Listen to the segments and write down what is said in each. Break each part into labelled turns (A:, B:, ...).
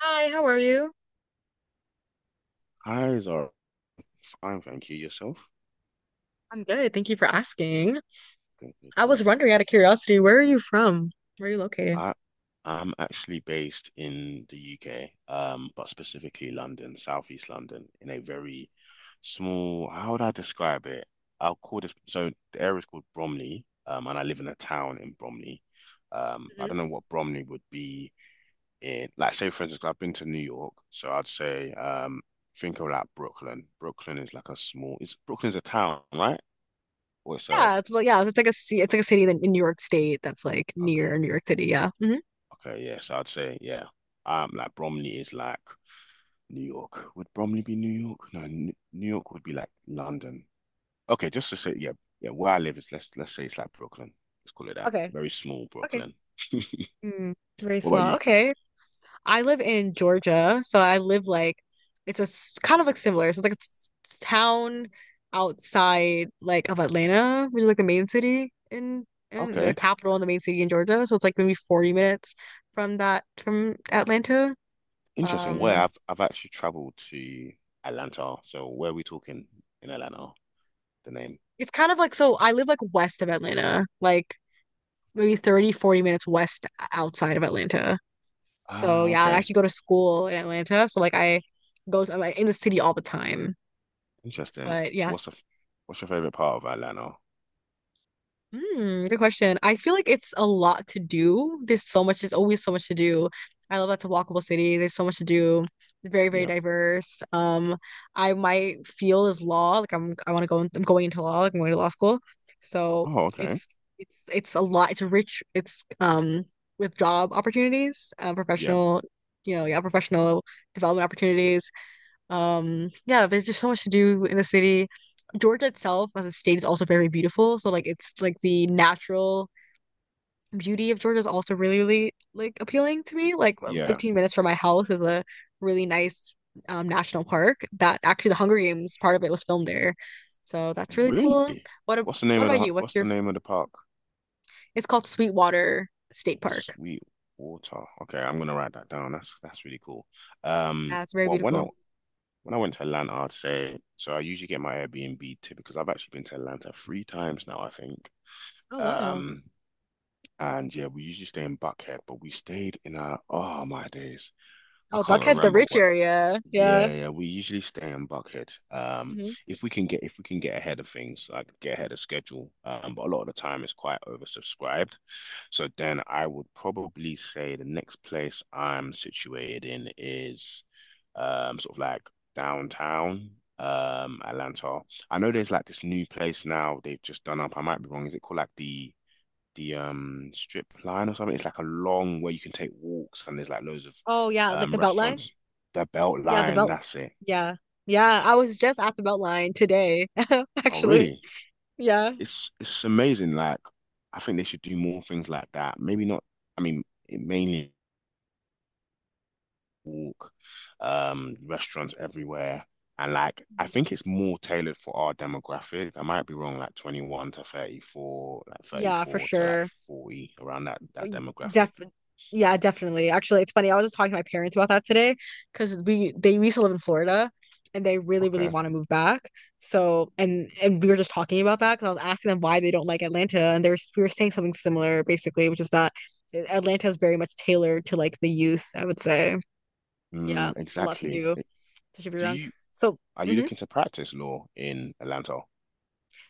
A: Hi, how are you?
B: Eyes are fine, thank you. Yourself?
A: I'm good. Thank you for asking.
B: Good, good,
A: I was
B: good.
A: wondering out of curiosity, where are you from? Where are you located?
B: I I'm actually based in the UK, but specifically London, Southeast London, in a very small, how would I describe it? I'll call this, so the area is called Bromley, and I live in a town in Bromley. I don't know
A: Hmm.
B: what Bromley would be in, like, say, for instance, I've been to New York, so I'd say, think of like Brooklyn. Brooklyn is like a small, it's Brooklyn's a town, right? Or it's a,
A: Yeah, it's well, yeah, it's like it's like a city in New York State that's like near
B: okay.
A: New York City. Yeah. Hmm.
B: Okay, yes, I'd say yeah. Like Bromley is like New York. Would Bromley be New York? No, New York would be like London. Okay, just to say yeah, yeah. Where I live is let's say it's like Brooklyn. Let's call it that.
A: Okay.
B: Very small
A: Okay.
B: Brooklyn.
A: Mm, very
B: What about
A: small.
B: you?
A: Okay. I live in Georgia, so I live like kind of like similar. So it's like town outside like of Atlanta, which is like the main city in the
B: Okay,
A: capital and the main city in Georgia. So it's like maybe 40 minutes from Atlanta.
B: interesting. Where
A: Um,
B: I've actually traveled to Atlanta. So where are we talking in Atlanta? The name.
A: it's kind of like so I live like west of Atlanta, like maybe 30, 40 minutes west outside of Atlanta. So
B: Ah,
A: yeah, I
B: okay,
A: actually go to school in Atlanta. So like I I'm like, in the city all the time.
B: interesting.
A: But yeah,
B: What's the f- what's your favorite part of Atlanta?
A: good question. I feel like it's a lot to do. There's always so much to do. I love that's a walkable city. There's so much to do. Very, very
B: Yeah.
A: diverse. I my field is law, like I want to go in, I'm going into law, like I'm going to law school. So
B: Oh, okay.
A: it's it's a lot. It's rich. It's with job opportunities,
B: Yeah,
A: professional, yeah, professional development opportunities. Yeah, there's just so much to do in the city. Georgia itself as a state is also very beautiful. So like it's like the natural beauty of Georgia is also really, really like appealing to me. Like well,
B: yeah.
A: 15 minutes from my house is a really nice national park that actually the Hunger Games part of it was filmed there. So that's really
B: Really?
A: cool. What ab-
B: What's the name
A: what
B: of
A: about
B: the
A: you? What's
B: what's the
A: your
B: name of the park?
A: it's called Sweetwater State Park.
B: Sweetwater. Okay, I'm gonna write that down. That's really cool.
A: Yeah, it's very
B: Well,
A: beautiful.
B: when I went to Atlanta, I'd say so. I usually get my Airbnb tip because I've actually been to Atlanta 3 times now, I think.
A: Oh, wow.
B: Um, and yeah, we usually stay in Buckhead, but we stayed in a oh my days, I
A: Oh,
B: can't
A: Buckhead's the
B: remember
A: rich
B: what.
A: area. Yeah.
B: Yeah, yeah, we usually stay in Buckhead.
A: Hmm.
B: If we can get ahead of things, like get ahead of schedule. But a lot of the time it's quite oversubscribed. So then I would probably say the next place I'm situated in is sort of like downtown Atlanta. I know there's like this new place now they've just done up. I might be wrong. Is it called like the strip line or something. It's like a long way you can take walks and there's like loads of
A: Oh yeah, like the Beltline.
B: restaurants. The Belt
A: Yeah, the
B: Line,
A: belt.
B: that's it.
A: Yeah. Yeah, I was just at the belt line today,
B: Oh,
A: actually.
B: really?
A: Yeah.
B: It's amazing. Like I think they should do more things like that. Maybe not. I mean, it mainly walk, restaurants everywhere, and like I think it's more tailored for our demographic. I might be wrong, like 21 to 34, like
A: Yeah, for
B: 34 to like
A: sure.
B: 40, around that
A: Y-
B: demographic.
A: Def yeah, definitely. Actually, it's funny. I was just talking to my parents about that today because we they used to live in Florida and they really, really
B: Okay.
A: want to move back. So and we were just talking about that because I was asking them why they don't like Atlanta and they're we were saying something similar basically, which is that Atlanta is very much tailored to like the youth, I would say. Yeah,
B: Mm,
A: it's a lot to
B: exactly.
A: do, especially if you're
B: Do
A: young.
B: you
A: So
B: Are you
A: mhm.
B: looking to practice law in Atlanta?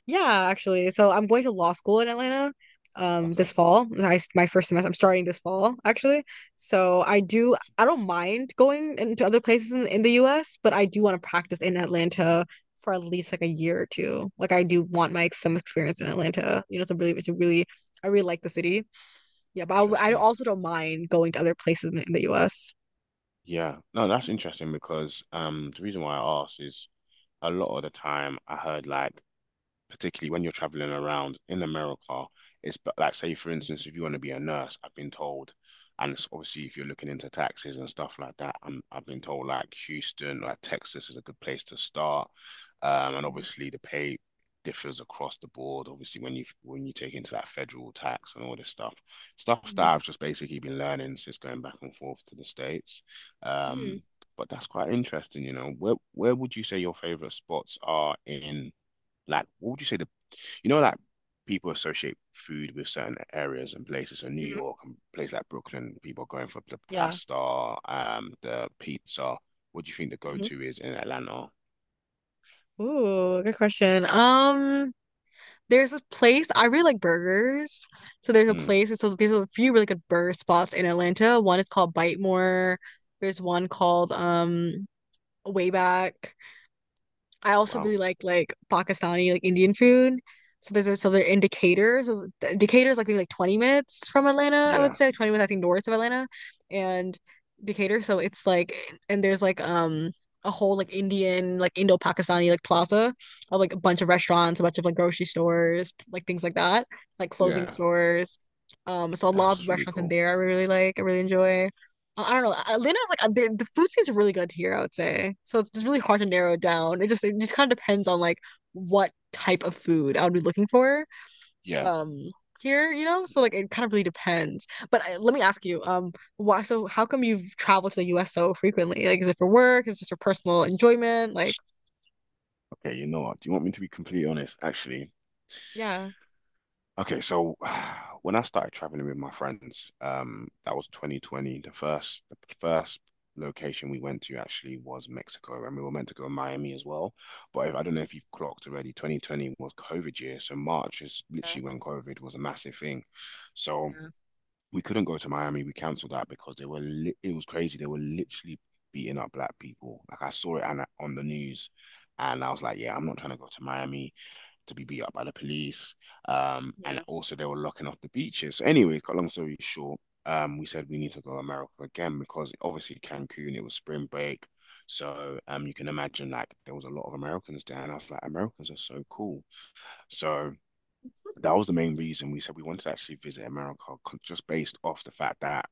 A: Yeah, actually. So I'm going to law school in Atlanta this
B: Okay,
A: fall. My first semester I'm starting this fall actually. So I don't mind going into other places in the US, but I do want to practice in Atlanta for at least like a year or two. Like I do want my some experience in Atlanta, you know, to really I really like the city. Yeah, but I
B: interesting.
A: also don't mind going to other places in the US.
B: Yeah, no, that's interesting because the reason why I asked is a lot of the time I heard like particularly when you're traveling around in America, it's but like say for instance, if you want to be a nurse, I've been told, and it's obviously if you're looking into taxes and stuff like that, I've been told like Houston, like Texas is a good place to start, and obviously the pay differs across the board. Obviously when you take into that federal tax and all this stuff, stuff that
A: Mm-hmm.
B: I've just basically been learning since going back and forth to the States,
A: Mm-hmm.
B: um. But that's quite interesting, you know. Where would you say your favorite spots are in like, what would you say the, you know, like people associate food with certain areas and places. So New
A: Hmm.
B: York and places like Brooklyn, people are going for the
A: Yeah.
B: pasta, the pizza. What do you think the
A: Hmm.
B: go-to is in Atlanta?
A: Ooh, good question. There's a place I really like burgers. So there's a
B: Mm,
A: place. So there's a few really good burger spots in Atlanta. One is called Bite More. There's one called Way I also
B: wow.
A: really like Pakistani like Indian food. So they're in Decatur. So Decatur is like maybe like 20 minutes from Atlanta, I would
B: Yeah.
A: say like, 20 minutes I think north of Atlanta and Decatur. So it's like and there's like a whole like Indian like Indo-Pakistani like plaza of like a bunch of restaurants, a bunch of like grocery stores, like things like that, like clothing
B: Yeah.
A: stores. So a lot of
B: That's really
A: restaurants in
B: cool.
A: there I really really like, I really enjoy. I don't know. Atlanta's like the food scene's really good here, I would say. So it's really hard to narrow it down. It just kind of depends on like what type of food I would be looking for
B: Yeah.
A: um here, you know? So like it kind of really depends. But let me ask you, why so how come you've traveled to the US so frequently? Like is it for work? Is it just for personal enjoyment? Like,
B: Okay, you know what? Do you want me to be completely honest? Actually,
A: yeah.
B: okay, so when I started traveling with my friends, that was 2020. The first location we went to actually was Mexico, and we were meant to go to Miami as well. But if, I don't know if you've clocked already, 2020 was COVID year, so March is
A: Yeah,
B: literally when COVID was a massive thing. So
A: yeah.
B: we couldn't go to Miami. We cancelled that because they were li it was crazy. They were literally beating up black people. Like I saw it on the news, and I was like, yeah, I'm not trying to go to Miami to be beat up by the police. And
A: Yeah.
B: also they were locking off the beaches. So anyway, long story short, we said we need to go to America again because obviously Cancun, it was spring break. So you can imagine like there was a lot of Americans there, and I was like, Americans are so cool. So that was the main reason we said we wanted to actually visit America, just based off the fact that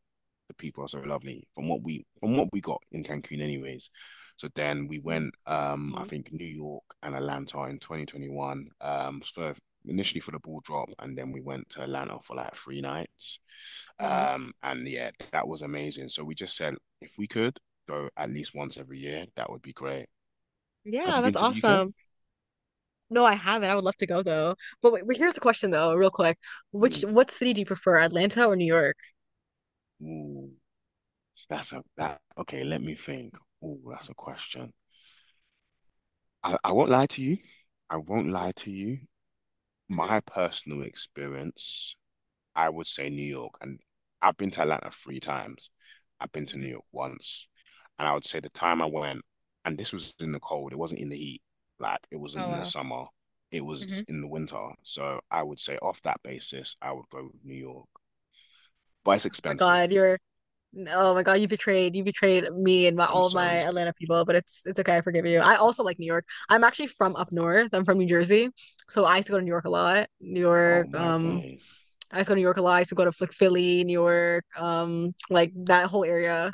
B: the people are so lovely from what we got in Cancun anyways. So then we went
A: Mm,
B: I
A: mm,
B: think New York and Atlanta in 2021 for initially for the ball drop, and then we went to Atlanta for like 3 nights.
A: mm.
B: And yeah, that was amazing. So we just said if we could go at least once every year, that would be great. Have
A: Yeah,
B: you been
A: that's
B: to the UK?
A: awesome. No, I haven't. I would love to go though. But wait, wait, here's the question though, real quick. Which
B: Hmm.
A: what city do you prefer, Atlanta or New York?
B: Ooh, that's a that okay, let me think. Oh, that's a question. I won't lie to you. I won't lie to you. My
A: Hmm.
B: personal experience, I would say New York, and I've been to Atlanta three times. I've been to New
A: Hmm.
B: York once, and I would say the time I went, and this was in the cold, it wasn't in the heat, like it wasn't
A: Oh
B: in the
A: wow.
B: summer, it was
A: Hmm.
B: in the winter. So I would say off that basis, I would go with New York, but it's
A: Oh my
B: expensive.
A: God, you're oh my God, you betrayed me and my
B: I'm
A: all of
B: sorry.
A: my Atlanta people, but it's okay, I forgive you. I also like New York. I'm actually from up north. I'm from New Jersey, so I used to go to New York a lot.
B: Oh my days.
A: I used to go to New York a lot. I used to go to like Philly, New York, like that whole area.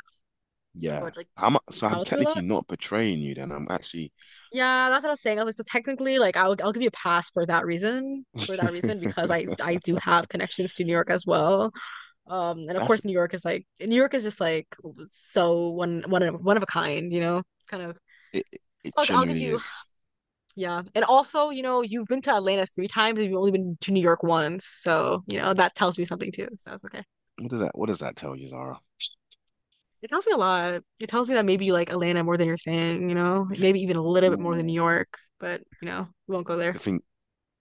A: I
B: Yeah.
A: would like
B: How much? So I'm
A: travel to a
B: technically
A: lot.
B: not betraying you then. I'm actually.
A: Yeah, that's what I was saying. I was like, so technically, like I'll give you a pass for that reason. For that reason, because I do have connections to New York as well. And of
B: That's
A: course, New York is just like so one of a kind, you know, kind of.
B: it. It
A: So I'll give
B: genuinely
A: you,
B: is.
A: yeah. And also, you've been to Atlanta three times and you've only been to New York once, so you know that tells me something too. So it's okay.
B: What does that tell you, Zara?
A: It tells me a lot. It tells me that maybe you like Atlanta more than you're saying, maybe even a little bit more than New
B: Ooh.
A: York, but we won't go there.
B: The thing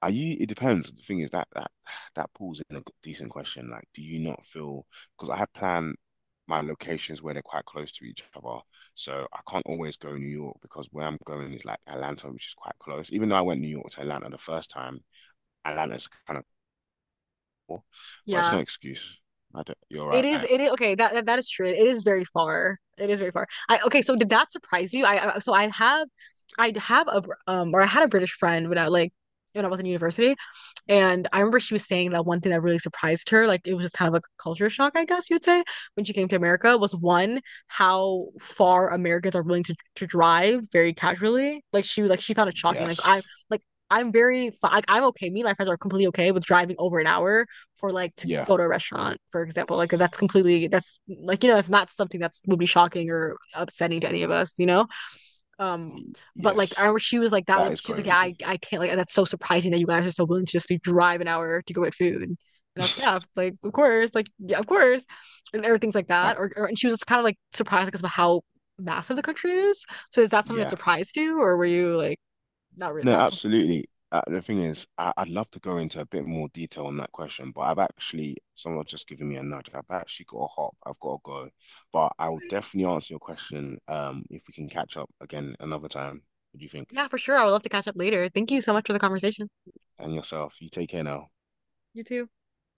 B: are you it depends. The thing is that pulls in a decent question. Like, do you not feel because I have planned my locations where they're quite close to each other. So I can't always go New York because where I'm going is like Atlanta, which is quite close. Even though I went New York to Atlanta the first time, Atlanta's kind of cool, but it's no
A: Yeah.
B: excuse. I don't, you're
A: It
B: right.
A: is
B: I-
A: it is okay, that is true. It is very far. It is very far. So did that surprise you? I have a I had a British friend when I was in university and I remember she was saying that one thing that really surprised her, like it was just kind of like a culture shock, I guess you'd say, when she came to America, was one how far Americans are willing to drive very casually. Like she found it shocking. Like I
B: yes.
A: like I'm very like I'm okay. Me and my friends are completely okay with driving over an hour for like to
B: Yeah.
A: go to a restaurant, for example. Like that's like it's not something that's would be shocking or upsetting to any of us. Um,
B: Y-
A: but like
B: Yes.
A: I she was like that
B: That
A: with
B: is
A: she was like, yeah,
B: crazy.
A: I can't like that's so surprising that you guys are so willing to just like, drive an hour to go get food. And I was like, yeah, like of course, like yeah, of course. And everything's like
B: I,
A: that. Or and she was kind of like surprised because like, of how massive the country is. So is that something that
B: yeah.
A: surprised you or were you like
B: No,
A: not so surprised?
B: absolutely. The thing is, I'd love to go into a bit more detail on that question, but someone's just given me a nudge. I've actually got to hop. I've got to go. But I will definitely answer your question, if we can catch up again another time. What do you think?
A: Yeah, for sure. I would love to catch up later. Thank you so much for the conversation.
B: And yourself, you take care now.
A: You too.